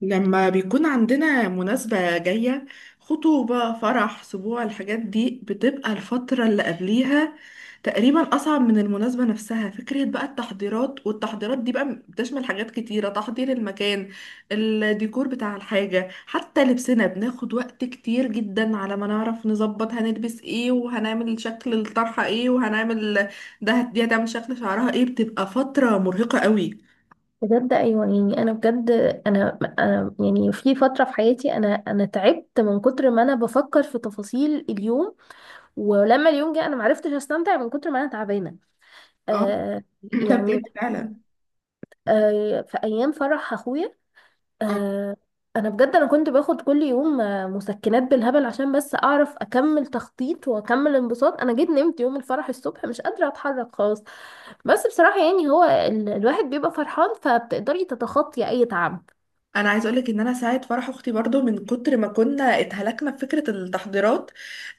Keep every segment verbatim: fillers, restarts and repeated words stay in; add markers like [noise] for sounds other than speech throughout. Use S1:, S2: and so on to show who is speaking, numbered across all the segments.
S1: لما بيكون عندنا مناسبة جاية، خطوبة، فرح، سبوع، الحاجات دي بتبقى الفترة اللي قبليها تقريبا أصعب من المناسبة نفسها. فكرة بقى التحضيرات، والتحضيرات دي بقى بتشمل حاجات كتيرة، تحضير المكان، الديكور بتاع الحاجة، حتى لبسنا بناخد وقت كتير جدا على ما نعرف نظبط هنلبس ايه، وهنعمل شكل الطرحة ايه، وهنعمل ده، دي هتعمل شكل شعرها ايه، بتبقى فترة مرهقة قوي.
S2: بجد، ايوه، يعني انا بجد. انا انا يعني في فتره في حياتي انا انا تعبت من كتر ما انا بفكر في تفاصيل اليوم، ولما اليوم جه انا معرفتش استمتع من كتر ما انا تعبانه.
S1: اه.
S2: آه.
S1: [clears throat] ده
S2: يعني،
S1: بجد فعلا.
S2: آه في ايام فرح اخويا. آه. انا بجد انا كنت باخد كل يوم آه، مسكنات بالهبل عشان بس اعرف اكمل تخطيط واكمل انبساط. انا جيت نمت يوم الفرح الصبح مش قادره اتحرك خالص. بس بصراحه يعني هو ال- الواحد بيبقى فرحان، فبتقدري تتخطي اي تعب.
S1: انا عايز اقولك ان انا ساعه فرح اختي برضو من كتر ما كنا اتهلكنا في فكره التحضيرات،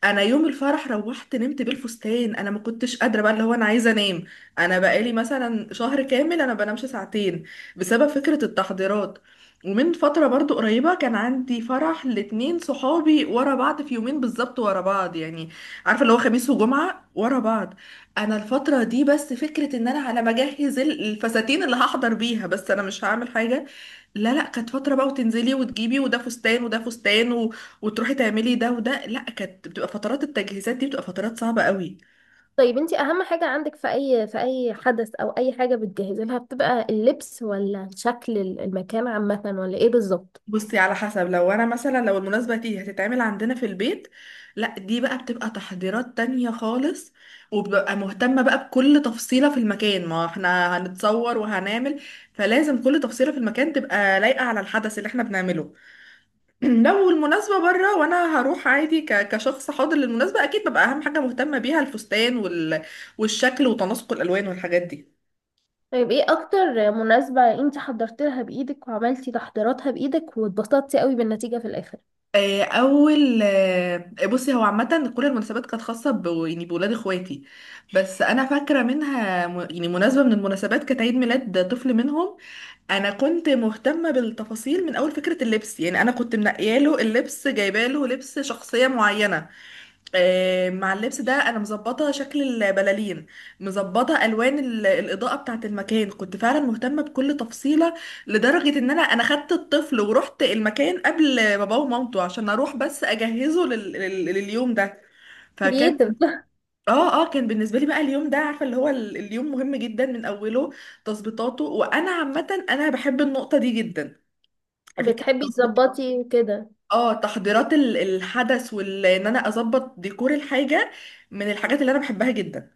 S1: انا يوم الفرح روحت نمت بالفستان، انا ما كنتش قادره بقى اللي هو انا عايزه انام. انا بقالي مثلا شهر كامل انا بنامش ساعتين بسبب فكره التحضيرات. ومن فتره برضو قريبه كان عندي فرح لاتنين صحابي ورا بعض في يومين بالظبط ورا بعض، يعني عارفه اللي هو خميس وجمعه ورا بعض. انا الفتره دي بس فكره ان انا على ما اجهز الفساتين اللي هحضر بيها، بس انا مش هعمل حاجه، لا لا، كانت فترة بقى وتنزلي وتجيبي وده فستان وده فستان و... وتروحي تعملي ده وده، لا كانت بتبقى فترات التجهيزات دي بتبقى فترات صعبة قوي.
S2: طيب، انتي اهم حاجة عندك في اي، في اي حدث او اي حاجة بتجهزي لها بتبقى اللبس، ولا شكل المكان عامة، ولا ايه بالظبط؟
S1: بصي، على حسب، لو انا مثلا لو المناسبة دي هتتعمل عندنا في البيت، لا دي بقى بتبقى تحضيرات تانية خالص، وببقى مهتمة بقى بكل تفصيلة في المكان ما احنا هنتصور وهنعمل، فلازم كل تفصيلة في المكان تبقى لايقة على الحدث اللي احنا بنعمله. [clears throat] لو المناسبة بره وانا هروح عادي ك- كشخص حاضر للمناسبة، اكيد ببقى اهم حاجة مهتمة بيها الفستان وال... والشكل وتناسق الالوان والحاجات دي.
S2: طيب، ايه اكتر مناسبة انتي حضرت لها بايدك وعملتي تحضيراتها بايدك واتبسطتي قوي بالنتيجة في الاخر؟
S1: آه، اول آه، بصي هو عامة كل المناسبات كانت خاصة ب... يعني بولاد اخواتي، بس انا فاكرة منها م... يعني مناسبة من المناسبات كانت عيد ميلاد طفل منهم. انا كنت مهتمة بالتفاصيل من اول فكرة اللبس، يعني انا كنت منقياله اللبس جايباله لبس شخصية معينة. آه، مع اللبس ده انا مظبطه شكل البلالين، مظبطه الوان ال- الاضاءه بتاعه المكان، كنت فعلا مهتمه بكل تفصيله لدرجه ان انا انا خدت الطفل ورحت المكان قبل باباه ومامته عشان اروح بس اجهزه لل... لل... لليوم ده. فكان.
S2: كرييتيف.
S1: اه اه، كان بالنسبه لي بقى اليوم ده، عارفه اللي هو ال- اليوم مهم جدا من اوله، تظبيطاته، وانا عامه انا بحب النقطه دي جدا. فكره.
S2: بتحبي تظبطي كده؟
S1: اه تحضيرات ال- الحدث وان انا اظبط ديكور الحاجه من الحاجات اللي انا بحبها جدا.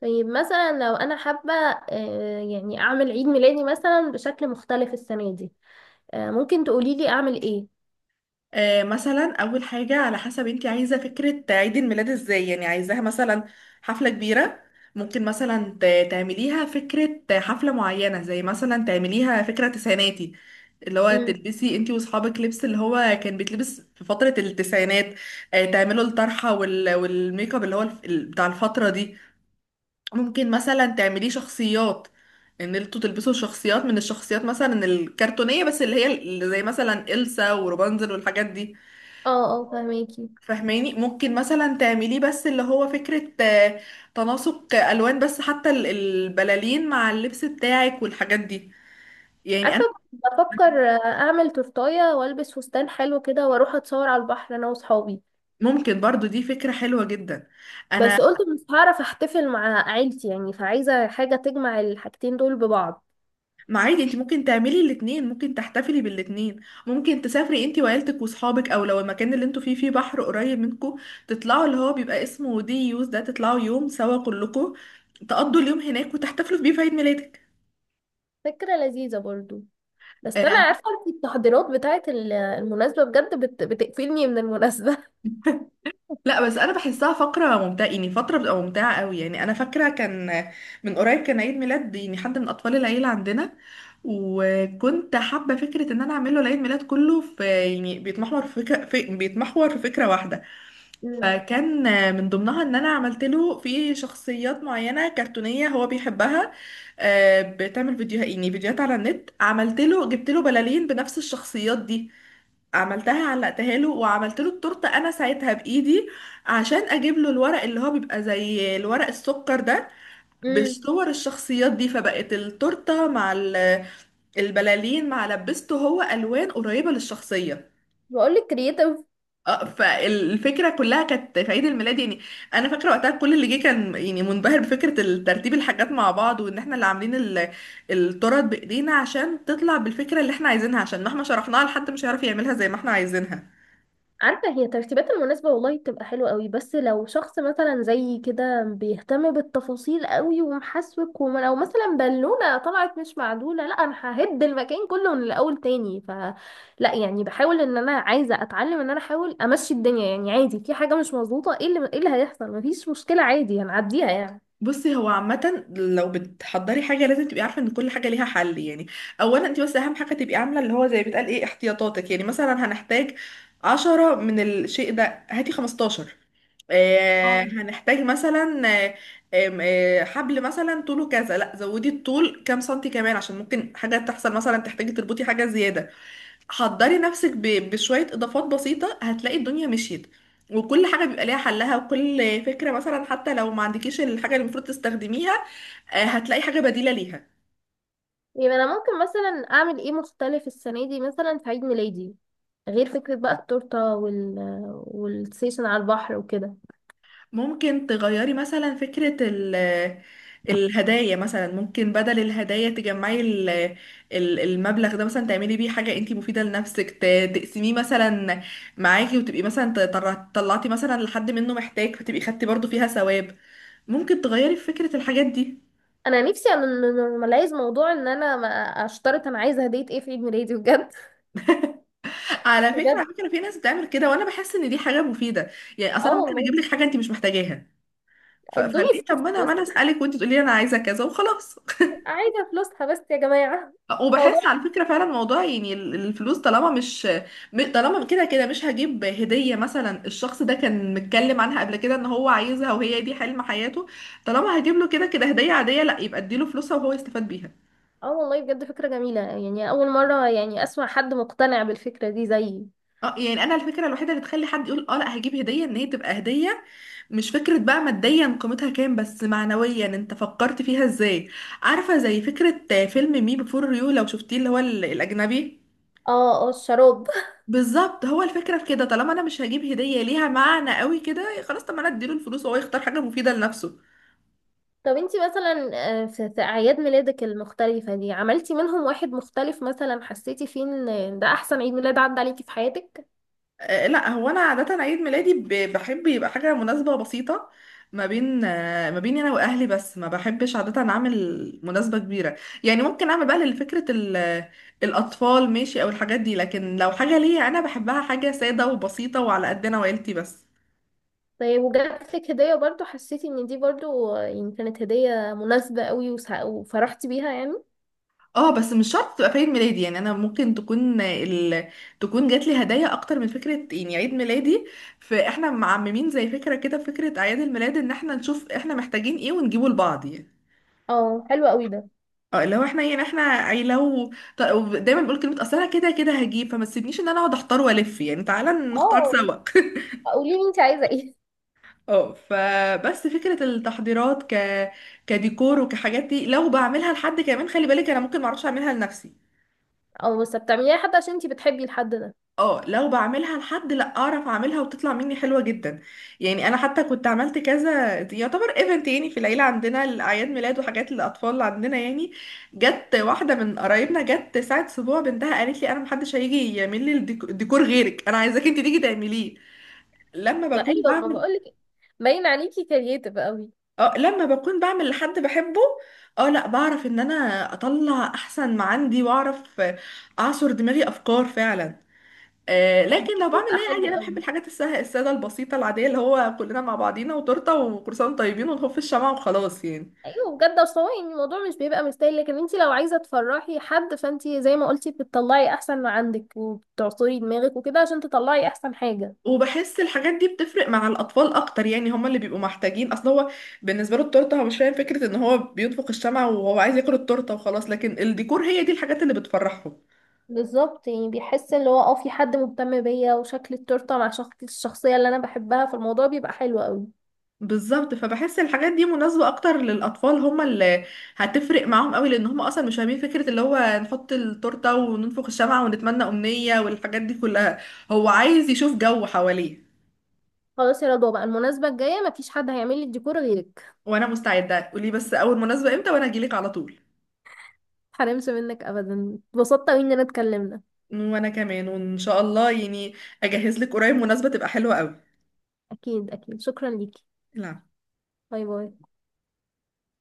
S2: طيب مثلا لو انا حابة، آه، يعني اعمل عيد ميلادي مثلا بشكل مختلف السنة دي، آه، ممكن تقولي لي اعمل ايه؟
S1: آه مثلا، اول حاجه على حسب انت عايزه فكره عيد الميلاد ازاي، يعني عايزاها مثلا حفله كبيره، ممكن مثلا ت- تعمليها فكره حفله معينه، زي مثلا تعمليها فكره تسعيناتي، اللي هو
S2: امم.
S1: تلبسي انتي واصحابك لبس اللي هو كان بيتلبس في فتره التسعينات. آه تعملوا الطرحه وال- والميك اب اللي هو الف- ال- بتاع الفتره دي. ممكن مثلا تعمليه شخصيات، ان انتوا تلبسوا شخصيات من الشخصيات مثلا الكرتونية، بس اللي هي اللي زي مثلا إلسا وروبانزل والحاجات دي.
S2: اه، اه، فهميكي؟
S1: فاهماني، ممكن مثلا تعمليه بس اللي هو فكرة، آه، تناسق ألوان بس، حتى ال- البلالين مع اللبس بتاعك والحاجات دي، يعني
S2: عارفة،
S1: أنا.
S2: كنت بفكر أعمل تورتاية وألبس فستان حلو كده وأروح أتصور على البحر أنا وصحابي،
S1: ممكن برضو دي فكرة حلوة جدا. أنا.
S2: بس قلت مش هعرف أحتفل مع عيلتي يعني، فعايزة حاجة تجمع الحاجتين دول ببعض.
S1: ما عادي، انت ممكن تعملي الاتنين، ممكن تحتفلي بالاتنين. ممكن تسافري انت وعيلتك واصحابك، او لو المكان اللي انتوا فيه فيه بحر قريب منكم، تطلعوا اللي هو بيبقى اسمه دي يوز، ده تطلعوا يوم سوا كلكم تقضوا اليوم هناك وتحتفلوا بيه في عيد ميلادك.
S2: فكرة لذيذة برضو،
S1: آه،
S2: بس أنا
S1: يعني
S2: عارفة أنت التحضيرات بتاعة ال- المناسبة بجد بت... بتقفلني من المناسبة.
S1: لا، بس انا بحسها فقره ممتعه، يعني فتره بتبقى ممتعه قوي. يعني انا فاكره كان من قريب كان عيد ميلاد، يعني حد من اطفال العيله عندنا، وكنت حابه فكره ان انا اعمل له العيد ميلاد كله في يعني بيتمحور في فكره في بيتمحور في فكره واحده.
S2: امم.
S1: فكان من ضمنها ان انا عملت له في شخصيات معينه كرتونيه هو بيحبها، آه، بتعمل فيديوهات، يعني فيديوهات على النت، عملت له، جبت له بلالين بنفس الشخصيات دي، عملتها علقتها له، وعملت له التورته انا ساعتها بايدي، عشان اجيب له الورق اللي هو بيبقى زي الورق السكر ده،
S2: امم.
S1: بصور الشخصيات دي، فبقت التورته مع ال- البلالين مع لبسته هو الوان قريبه للشخصيه.
S2: بقول لك كرييتيف.
S1: اه، فالفكره كلها كانت في عيد الميلاد يعني. انا فاكره وقتها كل اللي جه كان يعني منبهر بفكره ترتيب الحاجات مع بعض، وان احنا اللي عاملين ال- التورت بايدينا عشان تطلع بالفكره اللي احنا عايزينها، عشان مهما شرحناها لحد مش هيعرف يعملها زي ما احنا عايزينها.
S2: عارفة، هي ترتيبات المناسبة والله بتبقى حلوة قوي، بس لو شخص مثلا زي كده بيهتم بالتفاصيل قوي ومحسوك، وما لو مثلا بالونة طلعت مش معدولة، لا انا ههد المكان كله من الاول تاني. ف. لا، يعني بحاول ان انا عايزة اتعلم ان انا احاول امشي الدنيا يعني عادي، في حاجة مش مظبوطة، ايه اللي ايه اللي هيحصل، مفيش مشكلة عادي هنعديها يعني.
S1: بصي، هو عامة لو بتحضري حاجة لازم تبقي عارفة ان كل حاجة ليها حل، يعني اولا انت بس اهم حاجة تبقي عاملة اللي هو زي بتقال ايه احتياطاتك. يعني مثلا هنحتاج عشرة من الشيء ده، هاتي خمستاشر. آه
S2: اه.
S1: هنحتاج مثلا، آه، آم، آه، حبل مثلا طوله كذا، لا زودي الطول كام سنتي كمان عشان ممكن حاجة تحصل مثلا تحتاجي تربطي حاجة زيادة. حضري نفسك ب- بشوية إضافات بسيطة، هتلاقي الدنيا مشيت، وكل حاجة بيبقى ليها حلها، وكل فكرة مثلا حتى لو ما عندكيش الحاجة اللي المفروض تستخدميها، آه، هتلاقي حاجة بديلة ليها.
S2: يبقى انا ممكن مثلا اعمل ايه مختلف السنة دي مثلا في عيد ميلادي، غير فكرة بقى التورتة وال والسيشن على البحر وكده؟
S1: ممكن تغيري مثلا فكرة ال الهدايا، مثلا ممكن بدل الهدايا تجمعي ال- ال- المبلغ ده مثلا تعملي بيه حاجة انتي مفيدة لنفسك، ت- تقسميه مثلا معاكي، وتبقي مثلا ت- طر- طلعتي مثلا لحد منه محتاج، فتبقي خدتي برضو فيها ثواب. ممكن تغيري في فكرة الحاجات دي.
S2: انا نفسي انورماليز موضوع ان انا ما اشترط انا عايزه هديه ايه في عيد ميلادي بجد. [laughs]
S1: على فكرة
S2: بجد.
S1: على فكرة في ناس بتعمل كده وانا بحس ان دي حاجة مفيدة. يعني اصلا
S2: اه
S1: انا ممكن اجيب
S2: والله.
S1: لك حاجة انت مش محتاجاها، ف...
S2: ادوني
S1: فليه، طب
S2: فلوسها
S1: ما انا
S2: بس.
S1: ما انا اسالك وانت تقولي لي انا عايزة كذا وخلاص.
S2: عايزه فلوسها بس يا جماعه.
S1: [laughs]
S2: موضوع.
S1: وبحس على فكرة فعلا موضوع، يعني ال- الفلوس، طالما مش م- طالما كده كده مش هجيب هدية مثلا الشخص ده كان متكلم عنها قبل كده ان هو عايزها وهي دي حلم حياته، طالما هجيب له كده كده هدية عادية، لا يبقى اديله فلوسها وهو يستفاد بيها.
S2: اه والله، بجد فكره جميله، يعني اول مره يعني اسمع حد مقتنع بالفكره دي زيي.
S1: اه، يعني انا الفكره الوحيده اللي تخلي حد يقول اه لا هجيب هديه ان هي تبقى هديه، مش فكره بقى ماديا قيمتها كام، بس معنويا انت فكرت فيها ازاي. عارفه، زي فكره فيلم مي بيفور يو لو شفتيه اللي هو ال- الاجنبي.
S2: اه، اه، الشراب. [laughs]
S1: بالظبط، هو الفكره في كده، طالما انا مش هجيب هديه ليها معنى قوي كده، خلاص طب ما انا اديله الفلوس وهو يختار حاجه مفيده لنفسه.
S2: طب انتي مثلا، آه، في في اعياد ميلادك المختلفه دي عملتي منهم واحد مختلف مثلا، حسيتي فيه ان ده احسن عيد ميلاد عدى عليكي في حياتك؟
S1: آه، لا هو انا عاده عيد ميلادي ب- بحب يبقى حاجه مناسبه بسيطه، ما بين آه، ما بيني انا واهلي بس، ما بحبش عاده اعمل مناسبه كبيره. يعني ممكن اعمل بقى لفكره ال- الاطفال ماشي او الحاجات دي، لكن لو حاجه ليا انا بحبها، حاجه ساده وبسيطه وعلى قدنا وعيلتي بس.
S2: طيب وجات لك هدية برضو حسيتي ان دي برضو، آه، يعني كانت هدية مناسبة قوي وسع- وفرحتي بيها يعني؟
S1: اه، بس مش شرط تبقى في عيد ميلادي، يعني انا ممكن تكون ال... تكون جات لي هدايا اكتر من فكره يعني عيد ميلادي. فاحنا معممين زي فكره كده فكره اعياد الميلاد ان احنا نشوف احنا محتاجين ايه ونجيبه لبعض يعني.
S2: اه، حلو قوي ده.
S1: اه لو احنا، يعني احنا عيلو. طب دايما بقول كلمه، اصل انا كده كده هجيب، فما تسيبنيش ان انا اقعد احتار والف، يعني تعالى نختار
S2: اه،
S1: سوا. [laughs]
S2: قولي لي انت عايزة ايه.
S1: اه، فبس فكره التحضيرات ك كديكور وكحاجات دي، لو بعملها لحد كمان، خلي بالك انا ممكن ما اعرفش اعملها لنفسي.
S2: [laughs] اه، بس بتعمليها حد عشان انت بتحبي الحد ده.
S1: اه لو بعملها لحد لا اعرف اعملها وتطلع مني حلوه جدا، يعني انا حتى كنت عملت كذا يعتبر ايفنت يعني في العيله عندنا، الاعياد ميلاد وحاجات للاطفال اللي عندنا يعني. جت واحده من قرايبنا جت ساعه اسبوع بنتها قالت لي انا محدش هيجي يعمل لي الديك- الديكور غيرك، انا عايزاك انت تيجي تعمليه. لما بكون
S2: فايوه، ما
S1: بعمل.
S2: بقولك باين عليكي كرييتيف قوي.
S1: اه، لما بكون بعمل لحد بحبه، اه لا بعرف ان انا اطلع احسن ما عندي، واعرف اعصر دماغي افكار فعلا. آه،
S2: الموضوع
S1: لكن لو بعمل
S2: بيبقى
S1: ايه
S2: حلو
S1: عادي انا بحب
S2: قوي.
S1: الحاجات السهله الساده البسيطه العاديه، اللي هو كلنا مع بعضينا وتورته وكروسان طيبين ونخف في الشمعة وخلاص يعني.
S2: ايوه بجد، اصل هو يعني الموضوع مش بيبقى مستاهل، لكن انت لو عايزة تفرحي حد فانت زي ما قلتي بتطلعي احسن ما عندك وبتعصري دماغك وكده عشان تطلعي احسن حاجة.
S1: وبحس الحاجات دي بتفرق مع الاطفال اكتر، يعني هما اللي بيبقوا محتاجين، اصل هو بالنسبه له التورته هو مش فاهم فكره ان هو بينفخ الشمعة وهو عايز ياكل التورته وخلاص، لكن الديكور هي دي الحاجات اللي بتفرحهم.
S2: بالظبط، يعني بيحس اللي هو اه في حد مهتم بيا، وشكل التورته مع شخص الشخصيه اللي انا بحبها، فالموضوع بيبقى حلو قوي.
S1: بالظبط، فبحس الحاجات دي مناسبة اكتر للاطفال، هم اللي هتفرق معاهم قوي، لان هم اصلا مش فاهمين فكرة اللي هو نحط التورتة وننفخ الشمعة ونتمنى امنية والحاجات دي كلها، هو عايز يشوف جو حواليه.
S2: خلاص يا رضوى، بقى المناسبه الجايه مفيش حد هيعمل لي الديكور غيرك.
S1: وانا مستعدة، قولي بس اول مناسبة امتى وانا اجيلك على طول،
S2: متحرمش منك ابدا، اتبسطت قوي اننا اتكلمنا.
S1: وانا كمان وان شاء الله يعني اجهز لك قريب مناسبة تبقى حلوة قوي.
S2: اكيد اكيد، شكرا ليكي.
S1: العب.
S2: باي باي.